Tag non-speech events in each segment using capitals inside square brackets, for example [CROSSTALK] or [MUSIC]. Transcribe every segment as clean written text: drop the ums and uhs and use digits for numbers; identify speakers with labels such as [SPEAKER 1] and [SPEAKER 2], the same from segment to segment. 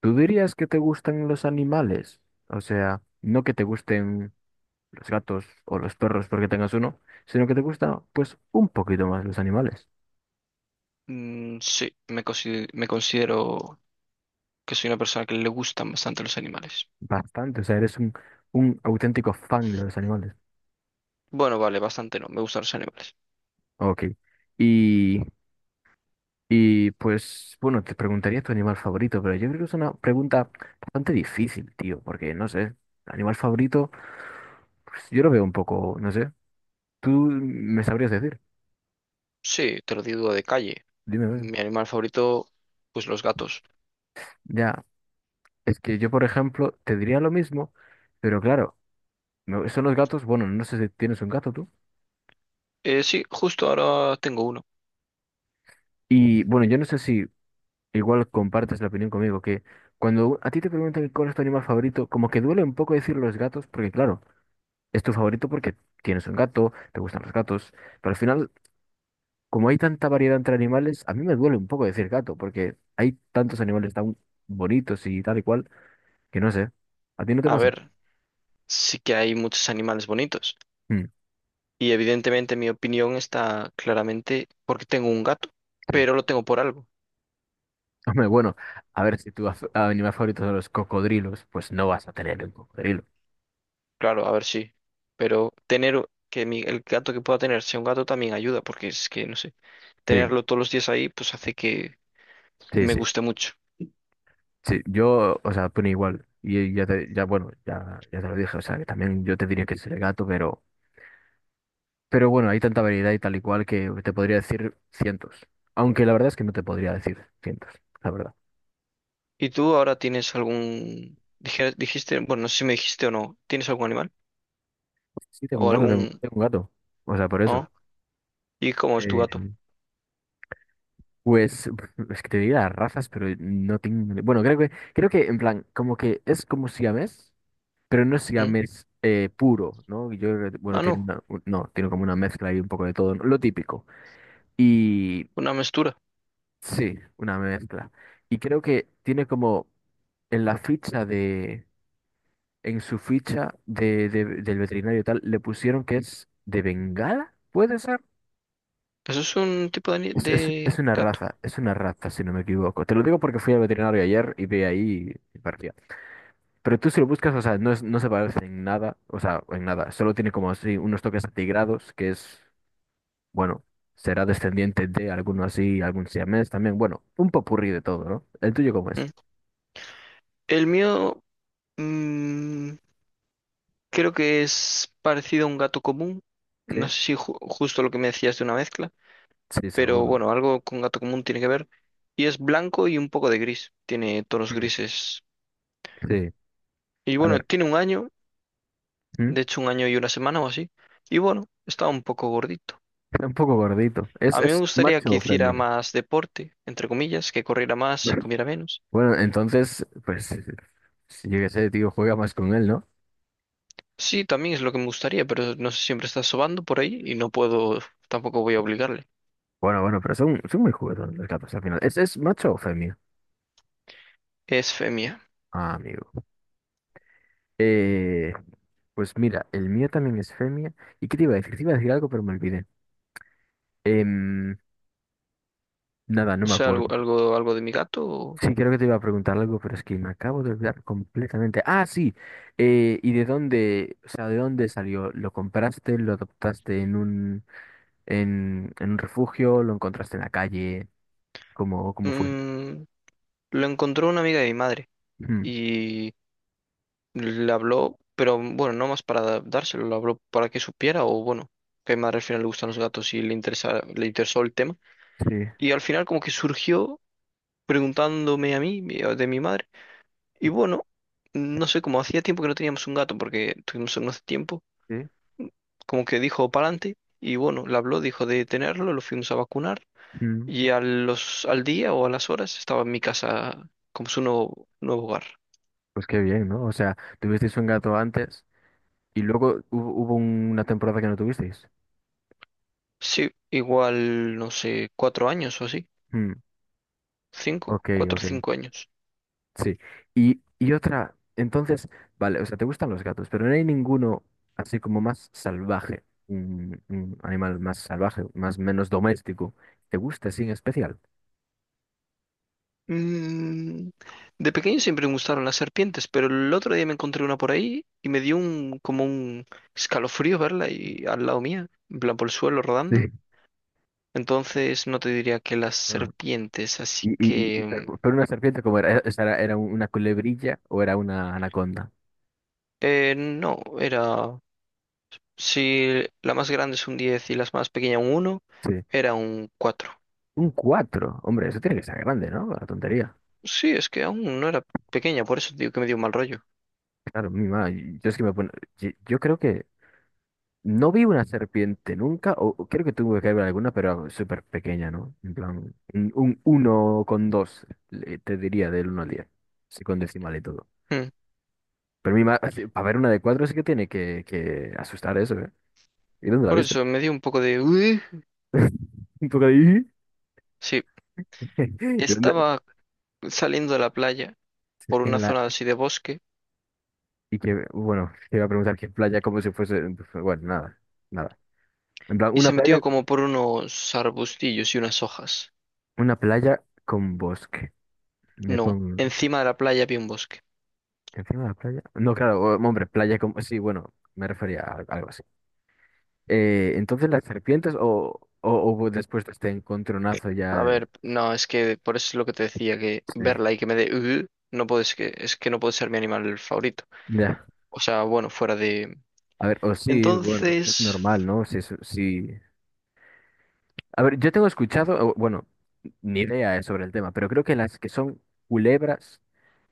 [SPEAKER 1] ¿Tú dirías que te gustan los animales? O sea, no que te gusten los gatos o los perros porque tengas uno, sino que te gusta pues un poquito más los animales.
[SPEAKER 2] Mm, sí, me considero que soy una persona que le gustan bastante los animales.
[SPEAKER 1] Bastante, o sea, eres un auténtico fan de los animales.
[SPEAKER 2] Bueno, vale, bastante no, me gustan los animales.
[SPEAKER 1] Ok. Y, y pues, bueno, te preguntaría tu animal favorito, pero yo creo que es una pregunta bastante difícil, tío, porque no sé, animal favorito, pues yo lo veo un poco, no sé. Tú me sabrías decir,
[SPEAKER 2] Sí, te lo digo de calle.
[SPEAKER 1] dime, a ver.
[SPEAKER 2] Mi animal favorito, pues los gatos.
[SPEAKER 1] Ya, es que yo, por ejemplo, te diría lo mismo, pero claro, son los gatos, bueno, no sé si tienes un gato tú.
[SPEAKER 2] Sí, justo ahora tengo uno.
[SPEAKER 1] Y bueno, yo no sé si igual compartes la opinión conmigo, que cuando a ti te preguntan cuál es tu animal favorito, como que duele un poco decir los gatos, porque claro, es tu favorito porque tienes un gato, te gustan los gatos, pero al final, como hay tanta variedad entre animales, a mí me duele un poco decir gato, porque hay tantos animales tan bonitos y tal y cual, que no sé, ¿a ti no te
[SPEAKER 2] A
[SPEAKER 1] pasa?
[SPEAKER 2] ver, sí que hay muchos animales bonitos.
[SPEAKER 1] Mm,
[SPEAKER 2] Y evidentemente mi opinión está claramente porque tengo un gato,
[SPEAKER 1] sí.
[SPEAKER 2] pero lo tengo por algo.
[SPEAKER 1] Hombre, bueno, a ver, si tu animal favorito son los cocodrilos, pues no vas a tener un cocodrilo.
[SPEAKER 2] Claro, a ver, sí. Pero tener que el gato que pueda tener sea un gato también ayuda, porque es que, no sé,
[SPEAKER 1] Sí,
[SPEAKER 2] tenerlo todos los días ahí, pues hace que
[SPEAKER 1] sí,
[SPEAKER 2] me
[SPEAKER 1] sí.
[SPEAKER 2] gusta mucho.
[SPEAKER 1] Sí, yo, o sea, opino igual. Y ya te, ya, bueno, ya, ya te lo dije, o sea, que también yo te diría que es el gato, pero bueno, hay tanta variedad y tal y cual que te podría decir cientos. Aunque la verdad es que no te podría decir cientos, la verdad.
[SPEAKER 2] ¿Y tú ahora tienes algún, dijiste, bueno, no sé si me dijiste o no, ¿tienes algún animal?
[SPEAKER 1] Sí, tengo un
[SPEAKER 2] ¿O
[SPEAKER 1] gato,
[SPEAKER 2] algún,
[SPEAKER 1] tengo, tengo un gato. O sea, por eso.
[SPEAKER 2] no? ¿Y cómo es tu gato?
[SPEAKER 1] Eh, pues [LAUGHS] es que te diría las razas, pero no tengo. Bueno, creo que en plan, como que es como siamés, pero no es
[SPEAKER 2] ¿Mm?
[SPEAKER 1] siamés puro, ¿no? Yo creo que, bueno,
[SPEAKER 2] Ah,
[SPEAKER 1] tiene
[SPEAKER 2] no,
[SPEAKER 1] no, tiene como una mezcla y un poco de todo, ¿no? Lo típico. Y
[SPEAKER 2] una mestura.
[SPEAKER 1] sí, una mezcla. Y creo que tiene como en la ficha de, en su ficha del veterinario y tal, le pusieron que es de Bengala, ¿puede ser?
[SPEAKER 2] Eso es un tipo de, ani-
[SPEAKER 1] Es
[SPEAKER 2] de
[SPEAKER 1] una
[SPEAKER 2] gato.
[SPEAKER 1] es una raza, si no me equivoco. Te lo digo porque fui al veterinario ayer y vi ahí y parecía. Pero tú si lo buscas, o sea, no, no se parece en nada, o sea, en nada. Solo tiene como así unos toques atigrados, que es bueno, será descendiente de alguno así, algún siamés también. Bueno, un popurrí de todo, ¿no? ¿El tuyo cómo es?
[SPEAKER 2] ¿Mm? El mío mm, creo que es parecido a un gato común.
[SPEAKER 1] Sí,
[SPEAKER 2] No sé si justo lo que me decías de una mezcla,
[SPEAKER 1] sí,
[SPEAKER 2] pero
[SPEAKER 1] seguro.
[SPEAKER 2] bueno, algo con gato común tiene que ver. Y es blanco y un poco de gris. Tiene tonos
[SPEAKER 1] Mm,
[SPEAKER 2] grises.
[SPEAKER 1] sí,
[SPEAKER 2] Y
[SPEAKER 1] a
[SPEAKER 2] bueno,
[SPEAKER 1] ver,
[SPEAKER 2] tiene un año.
[SPEAKER 1] ¿mm?
[SPEAKER 2] De hecho un año y una semana o así. Y bueno, estaba un poco gordito.
[SPEAKER 1] Está un poco gordito.
[SPEAKER 2] A mí me
[SPEAKER 1] Es
[SPEAKER 2] gustaría que
[SPEAKER 1] macho o
[SPEAKER 2] hiciera
[SPEAKER 1] femenino?
[SPEAKER 2] más deporte, entre comillas, que corriera más y
[SPEAKER 1] [LAUGHS]
[SPEAKER 2] comiera menos.
[SPEAKER 1] Bueno, entonces, pues, si yo qué sé, tío, juega más con él, ¿no?
[SPEAKER 2] Sí, también es lo que me gustaría, pero no sé, siempre está sobando por ahí y no puedo, tampoco voy a obligarle.
[SPEAKER 1] Bueno, pero son muy juguetones los gatos al final. Es macho o femia?
[SPEAKER 2] Es femia.
[SPEAKER 1] Ah, amigo. Eh, pues mira, el mío también es femia. ¿Y qué te iba a decir? Te iba a decir algo, pero me olvidé. Em, Nada, no
[SPEAKER 2] O
[SPEAKER 1] me
[SPEAKER 2] sea,
[SPEAKER 1] acuerdo.
[SPEAKER 2] algo de mi gato.
[SPEAKER 1] Sí, creo que te iba a preguntar algo, pero es que me acabo de olvidar completamente. Ah, sí, ¿y de dónde, o sea, de dónde salió? ¿Lo compraste? ¿Lo adoptaste en un, en un refugio? ¿Lo encontraste en la calle? Cómo fue?
[SPEAKER 2] Mm, lo encontró una amiga de mi madre
[SPEAKER 1] Mm,
[SPEAKER 2] y le habló, pero bueno, no más para dárselo, lo habló para que supiera o bueno, que a mi madre al final le gustan los gatos y le interesó el tema.
[SPEAKER 1] sí.
[SPEAKER 2] Y al final como que surgió preguntándome a mí, de mi madre. Y bueno, no sé, como hacía tiempo que no teníamos un gato porque tuvimos uno hace tiempo,
[SPEAKER 1] Sí,
[SPEAKER 2] como que dijo para adelante y bueno, le habló, dijo de tenerlo, lo fuimos a vacunar
[SPEAKER 1] mm.
[SPEAKER 2] y al día o a las horas estaba en mi casa como su nuevo hogar.
[SPEAKER 1] Pues qué bien, ¿no? O sea, tuvisteis un gato antes y luego hubo, hubo una temporada que no tuvisteis.
[SPEAKER 2] Sí, igual, no sé, 4 años o así,
[SPEAKER 1] Mm,
[SPEAKER 2] cinco,
[SPEAKER 1] ok,
[SPEAKER 2] cuatro o
[SPEAKER 1] ok.
[SPEAKER 2] cinco años.
[SPEAKER 1] Sí. Y otra, entonces, vale, o sea, te gustan los gatos, pero no hay ninguno así como más salvaje, un animal más salvaje, más menos doméstico. ¿Te gusta así en especial?
[SPEAKER 2] Mm, de pequeño siempre me gustaron las serpientes, pero el otro día me encontré una por ahí y me dio un como un escalofrío verla y al lado mía, en plan por el suelo rodando.
[SPEAKER 1] Sí.
[SPEAKER 2] Entonces no te diría que las
[SPEAKER 1] Ah.
[SPEAKER 2] serpientes, así que
[SPEAKER 1] Pero una serpiente como era, ¿esa era una culebrilla o era una anaconda?
[SPEAKER 2] no, era, si la más grande es un 10 y las más pequeña un 1,
[SPEAKER 1] Sí.
[SPEAKER 2] era un 4.
[SPEAKER 1] Un cuatro, hombre, eso tiene que ser grande, ¿no? La tontería.
[SPEAKER 2] Sí, es que aún no era pequeña, por eso te digo que me dio un mal rollo.
[SPEAKER 1] Claro, mi madre, yo es que me pone, yo creo que no vi una serpiente nunca, o creo que tuve que ver alguna, pero súper pequeña, ¿no? En plan, un uno con dos, te diría, del uno al diez, sí, con decimal y todo.
[SPEAKER 2] Mm,
[SPEAKER 1] Pero mi para ver una de cuatro sí que tiene que asustar eso, ¿eh? ¿Y dónde la
[SPEAKER 2] Por
[SPEAKER 1] viste?
[SPEAKER 2] eso me dio un poco de "Ueh".
[SPEAKER 1] [LAUGHS] Un poco de...
[SPEAKER 2] Sí,
[SPEAKER 1] [LAUGHS] ¿Y dónde?
[SPEAKER 2] estaba saliendo de la playa por una
[SPEAKER 1] En la...
[SPEAKER 2] zona así de bosque
[SPEAKER 1] Y que, bueno, te iba a preguntar qué playa, como si fuese... Bueno, nada, nada. En plan,
[SPEAKER 2] y se metió como por unos arbustillos y unas hojas.
[SPEAKER 1] una playa con bosque. Me
[SPEAKER 2] No,
[SPEAKER 1] pongo
[SPEAKER 2] encima de la playa había un bosque.
[SPEAKER 1] encima de la playa. No, claro, hombre, playa con... Sí, bueno, me refería a algo así. Entonces las serpientes o después de este encontronazo ya,
[SPEAKER 2] A ver, no, es que por eso es lo que te decía, que
[SPEAKER 1] sí,
[SPEAKER 2] verla y que me dé "Ugh", no puedes, que es que no puede ser mi animal favorito.
[SPEAKER 1] ya.
[SPEAKER 2] O sea, bueno, fuera de...
[SPEAKER 1] A ver, o sí, bueno, es
[SPEAKER 2] Entonces,
[SPEAKER 1] normal, ¿no? Sí, sí, sí. A ver, yo tengo escuchado, o, bueno, ni idea sobre el tema, pero creo que las que son culebras,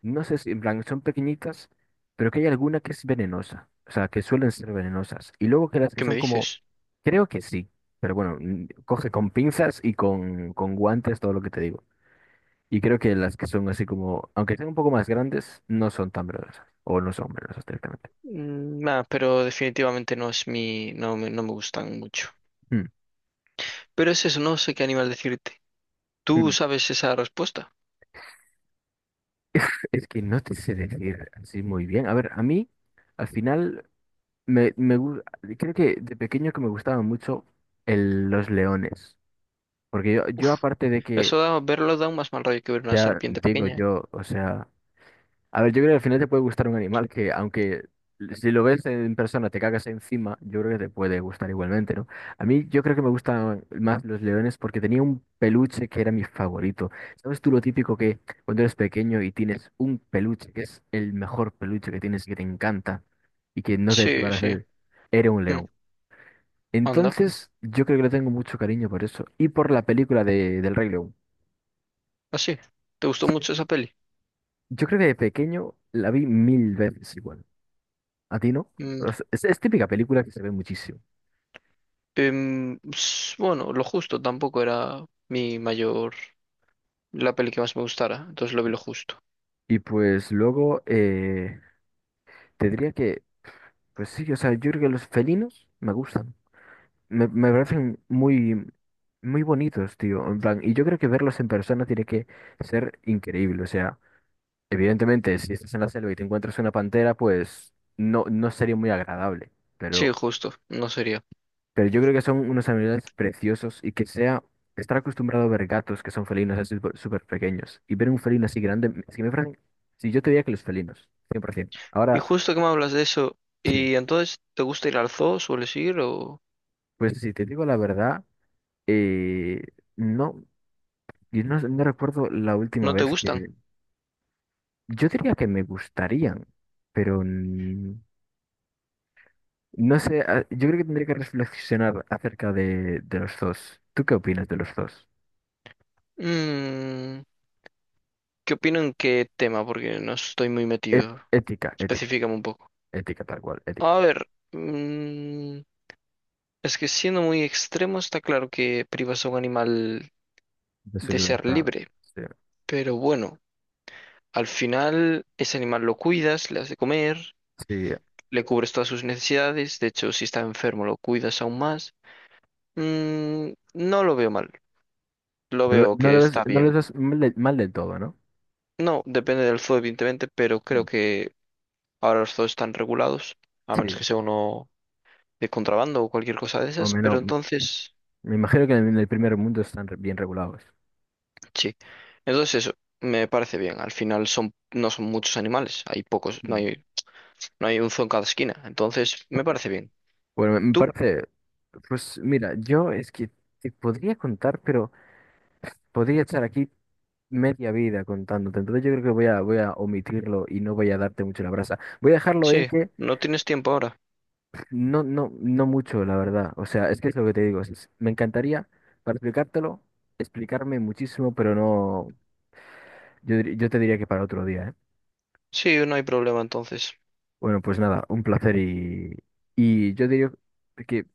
[SPEAKER 1] no sé si, en plan, son pequeñitas, pero que hay alguna que es venenosa, o sea, que suelen ser venenosas. Y luego que las que
[SPEAKER 2] ¿qué me
[SPEAKER 1] son como,
[SPEAKER 2] dices?
[SPEAKER 1] creo que sí, pero bueno, mm, coge con pinzas y con guantes todo lo que te digo. Y creo que las que son así como, aunque sean un poco más grandes, no son tan verdosas. O no son verdosas directamente.
[SPEAKER 2] Nada, pero definitivamente no es mi. No me gustan mucho.
[SPEAKER 1] Mm,
[SPEAKER 2] Pero es eso, no sé qué animal decirte. ¿Tú
[SPEAKER 1] mm.
[SPEAKER 2] sabes esa respuesta?
[SPEAKER 1] Es que no te sé decir así muy bien. A ver, a mí, al final, me, me gu- creo que de pequeño que me gustaban mucho los leones. Porque yo,
[SPEAKER 2] Uf,
[SPEAKER 1] yo aparte de
[SPEAKER 2] eso
[SPEAKER 1] que,
[SPEAKER 2] da, verlo da un más mal rollo que ver una
[SPEAKER 1] ya
[SPEAKER 2] serpiente
[SPEAKER 1] digo
[SPEAKER 2] pequeña. ¿Eh?
[SPEAKER 1] yo, o sea. A ver, yo creo que al final te puede gustar un animal que, aunque si lo ves en persona te cagas encima, yo creo que te puede gustar igualmente, ¿no? A mí yo creo que me gustan más los leones porque tenía un peluche que era mi favorito. ¿Sabes tú lo típico que cuando eres pequeño y tienes un peluche que es el mejor peluche que tienes y que te encanta y que no te
[SPEAKER 2] Sí,
[SPEAKER 1] desbaras de
[SPEAKER 2] sí,
[SPEAKER 1] él? Era un
[SPEAKER 2] Mm,
[SPEAKER 1] león.
[SPEAKER 2] anda,
[SPEAKER 1] Entonces, yo creo que le tengo mucho cariño por eso y por la película del Rey León.
[SPEAKER 2] así. ¿Te gustó
[SPEAKER 1] Sí.
[SPEAKER 2] mucho esa peli?
[SPEAKER 1] Yo creo que de pequeño la vi mil veces igual. ¿A ti no?
[SPEAKER 2] Mm,
[SPEAKER 1] O sea, es típica película que se ve muchísimo.
[SPEAKER 2] bueno, lo justo, tampoco era mi mayor, la peli que más me gustara, entonces lo vi lo justo.
[SPEAKER 1] Y pues luego te diría que, pues sí, o sea, yo creo que los felinos me gustan. Me parecen muy, muy bonitos, tío. En plan, y yo creo que verlos en persona tiene que ser increíble. O sea, evidentemente, si estás en la selva y te encuentras una pantera, pues no, no sería muy agradable.
[SPEAKER 2] Sí,
[SPEAKER 1] Pero
[SPEAKER 2] justo, no sería.
[SPEAKER 1] Pero yo creo que son unos animales preciosos y que sea estar acostumbrado a ver gatos que son felinos así súper súper pequeños y ver un felino así grande, es que me parece, si yo te diría que los felinos, 100%.
[SPEAKER 2] Y
[SPEAKER 1] Ahora,
[SPEAKER 2] justo que me hablas de eso,
[SPEAKER 1] sí,
[SPEAKER 2] ¿y entonces te gusta ir al zoo, sueles ir o
[SPEAKER 1] pues si te digo la verdad, eh, no, yo no, no recuerdo la última
[SPEAKER 2] no te
[SPEAKER 1] vez
[SPEAKER 2] gustan?
[SPEAKER 1] que, yo diría que me gustarían, pero mm, no sé, ah, yo creo que tendría que reflexionar acerca de los dos. ¿Tú qué opinas de los dos?
[SPEAKER 2] Mm, ¿Qué opino en qué tema? Porque no estoy muy
[SPEAKER 1] E-
[SPEAKER 2] metido.
[SPEAKER 1] Ética,
[SPEAKER 2] Específicame un poco.
[SPEAKER 1] ética tal cual, ética.
[SPEAKER 2] A ver, es que siendo muy extremo está claro que privas a un animal
[SPEAKER 1] De su
[SPEAKER 2] de ser
[SPEAKER 1] libertad.
[SPEAKER 2] libre.
[SPEAKER 1] Sí,
[SPEAKER 2] Pero bueno, al final ese animal lo cuidas, le has de comer,
[SPEAKER 1] sí.
[SPEAKER 2] le cubres todas sus necesidades, de hecho si está enfermo lo cuidas aún más. No lo veo mal, lo
[SPEAKER 1] No,
[SPEAKER 2] veo
[SPEAKER 1] no
[SPEAKER 2] que
[SPEAKER 1] lo ves,
[SPEAKER 2] está
[SPEAKER 1] no lo
[SPEAKER 2] bien.
[SPEAKER 1] ves mal, mal del todo, ¿no?
[SPEAKER 2] No, depende del zoo evidentemente, pero creo
[SPEAKER 1] Mm.
[SPEAKER 2] que ahora los zoos están regulados, a menos
[SPEAKER 1] Sí,
[SPEAKER 2] que sea uno de contrabando o cualquier cosa de
[SPEAKER 1] o
[SPEAKER 2] esas, pero
[SPEAKER 1] menos, me,
[SPEAKER 2] entonces,
[SPEAKER 1] me imagino que en el primer mundo están bien regulados.
[SPEAKER 2] sí. Entonces eso, me parece bien, al final son, no son muchos animales, hay pocos,
[SPEAKER 1] Mm.
[SPEAKER 2] no hay un zoo en cada esquina, entonces me parece bien.
[SPEAKER 1] Bueno, me
[SPEAKER 2] ¿Tú?
[SPEAKER 1] parece, pues mira, yo es que te podría contar, pero podría estar aquí media vida contándote. Entonces yo creo que voy a, voy a omitirlo y no voy a darte mucho la brasa. Voy a dejarlo en
[SPEAKER 2] Sí,
[SPEAKER 1] que
[SPEAKER 2] no tienes tiempo ahora.
[SPEAKER 1] no, no, no mucho, la verdad. O sea, es que es lo que te digo. Me encantaría, para explicártelo, explicarme muchísimo, pero no. Yo, yo te diría que para otro día, ¿eh?
[SPEAKER 2] Sí, no hay problema entonces.
[SPEAKER 1] Bueno, pues nada, un placer y yo diría que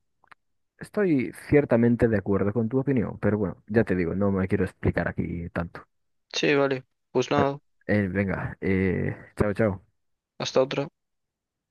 [SPEAKER 1] estoy ciertamente de acuerdo con tu opinión, pero bueno, ya te digo, no me quiero explicar aquí tanto.
[SPEAKER 2] Sí, vale. Pues
[SPEAKER 1] Ah,
[SPEAKER 2] nada,
[SPEAKER 1] venga, chao, chao.
[SPEAKER 2] hasta otra.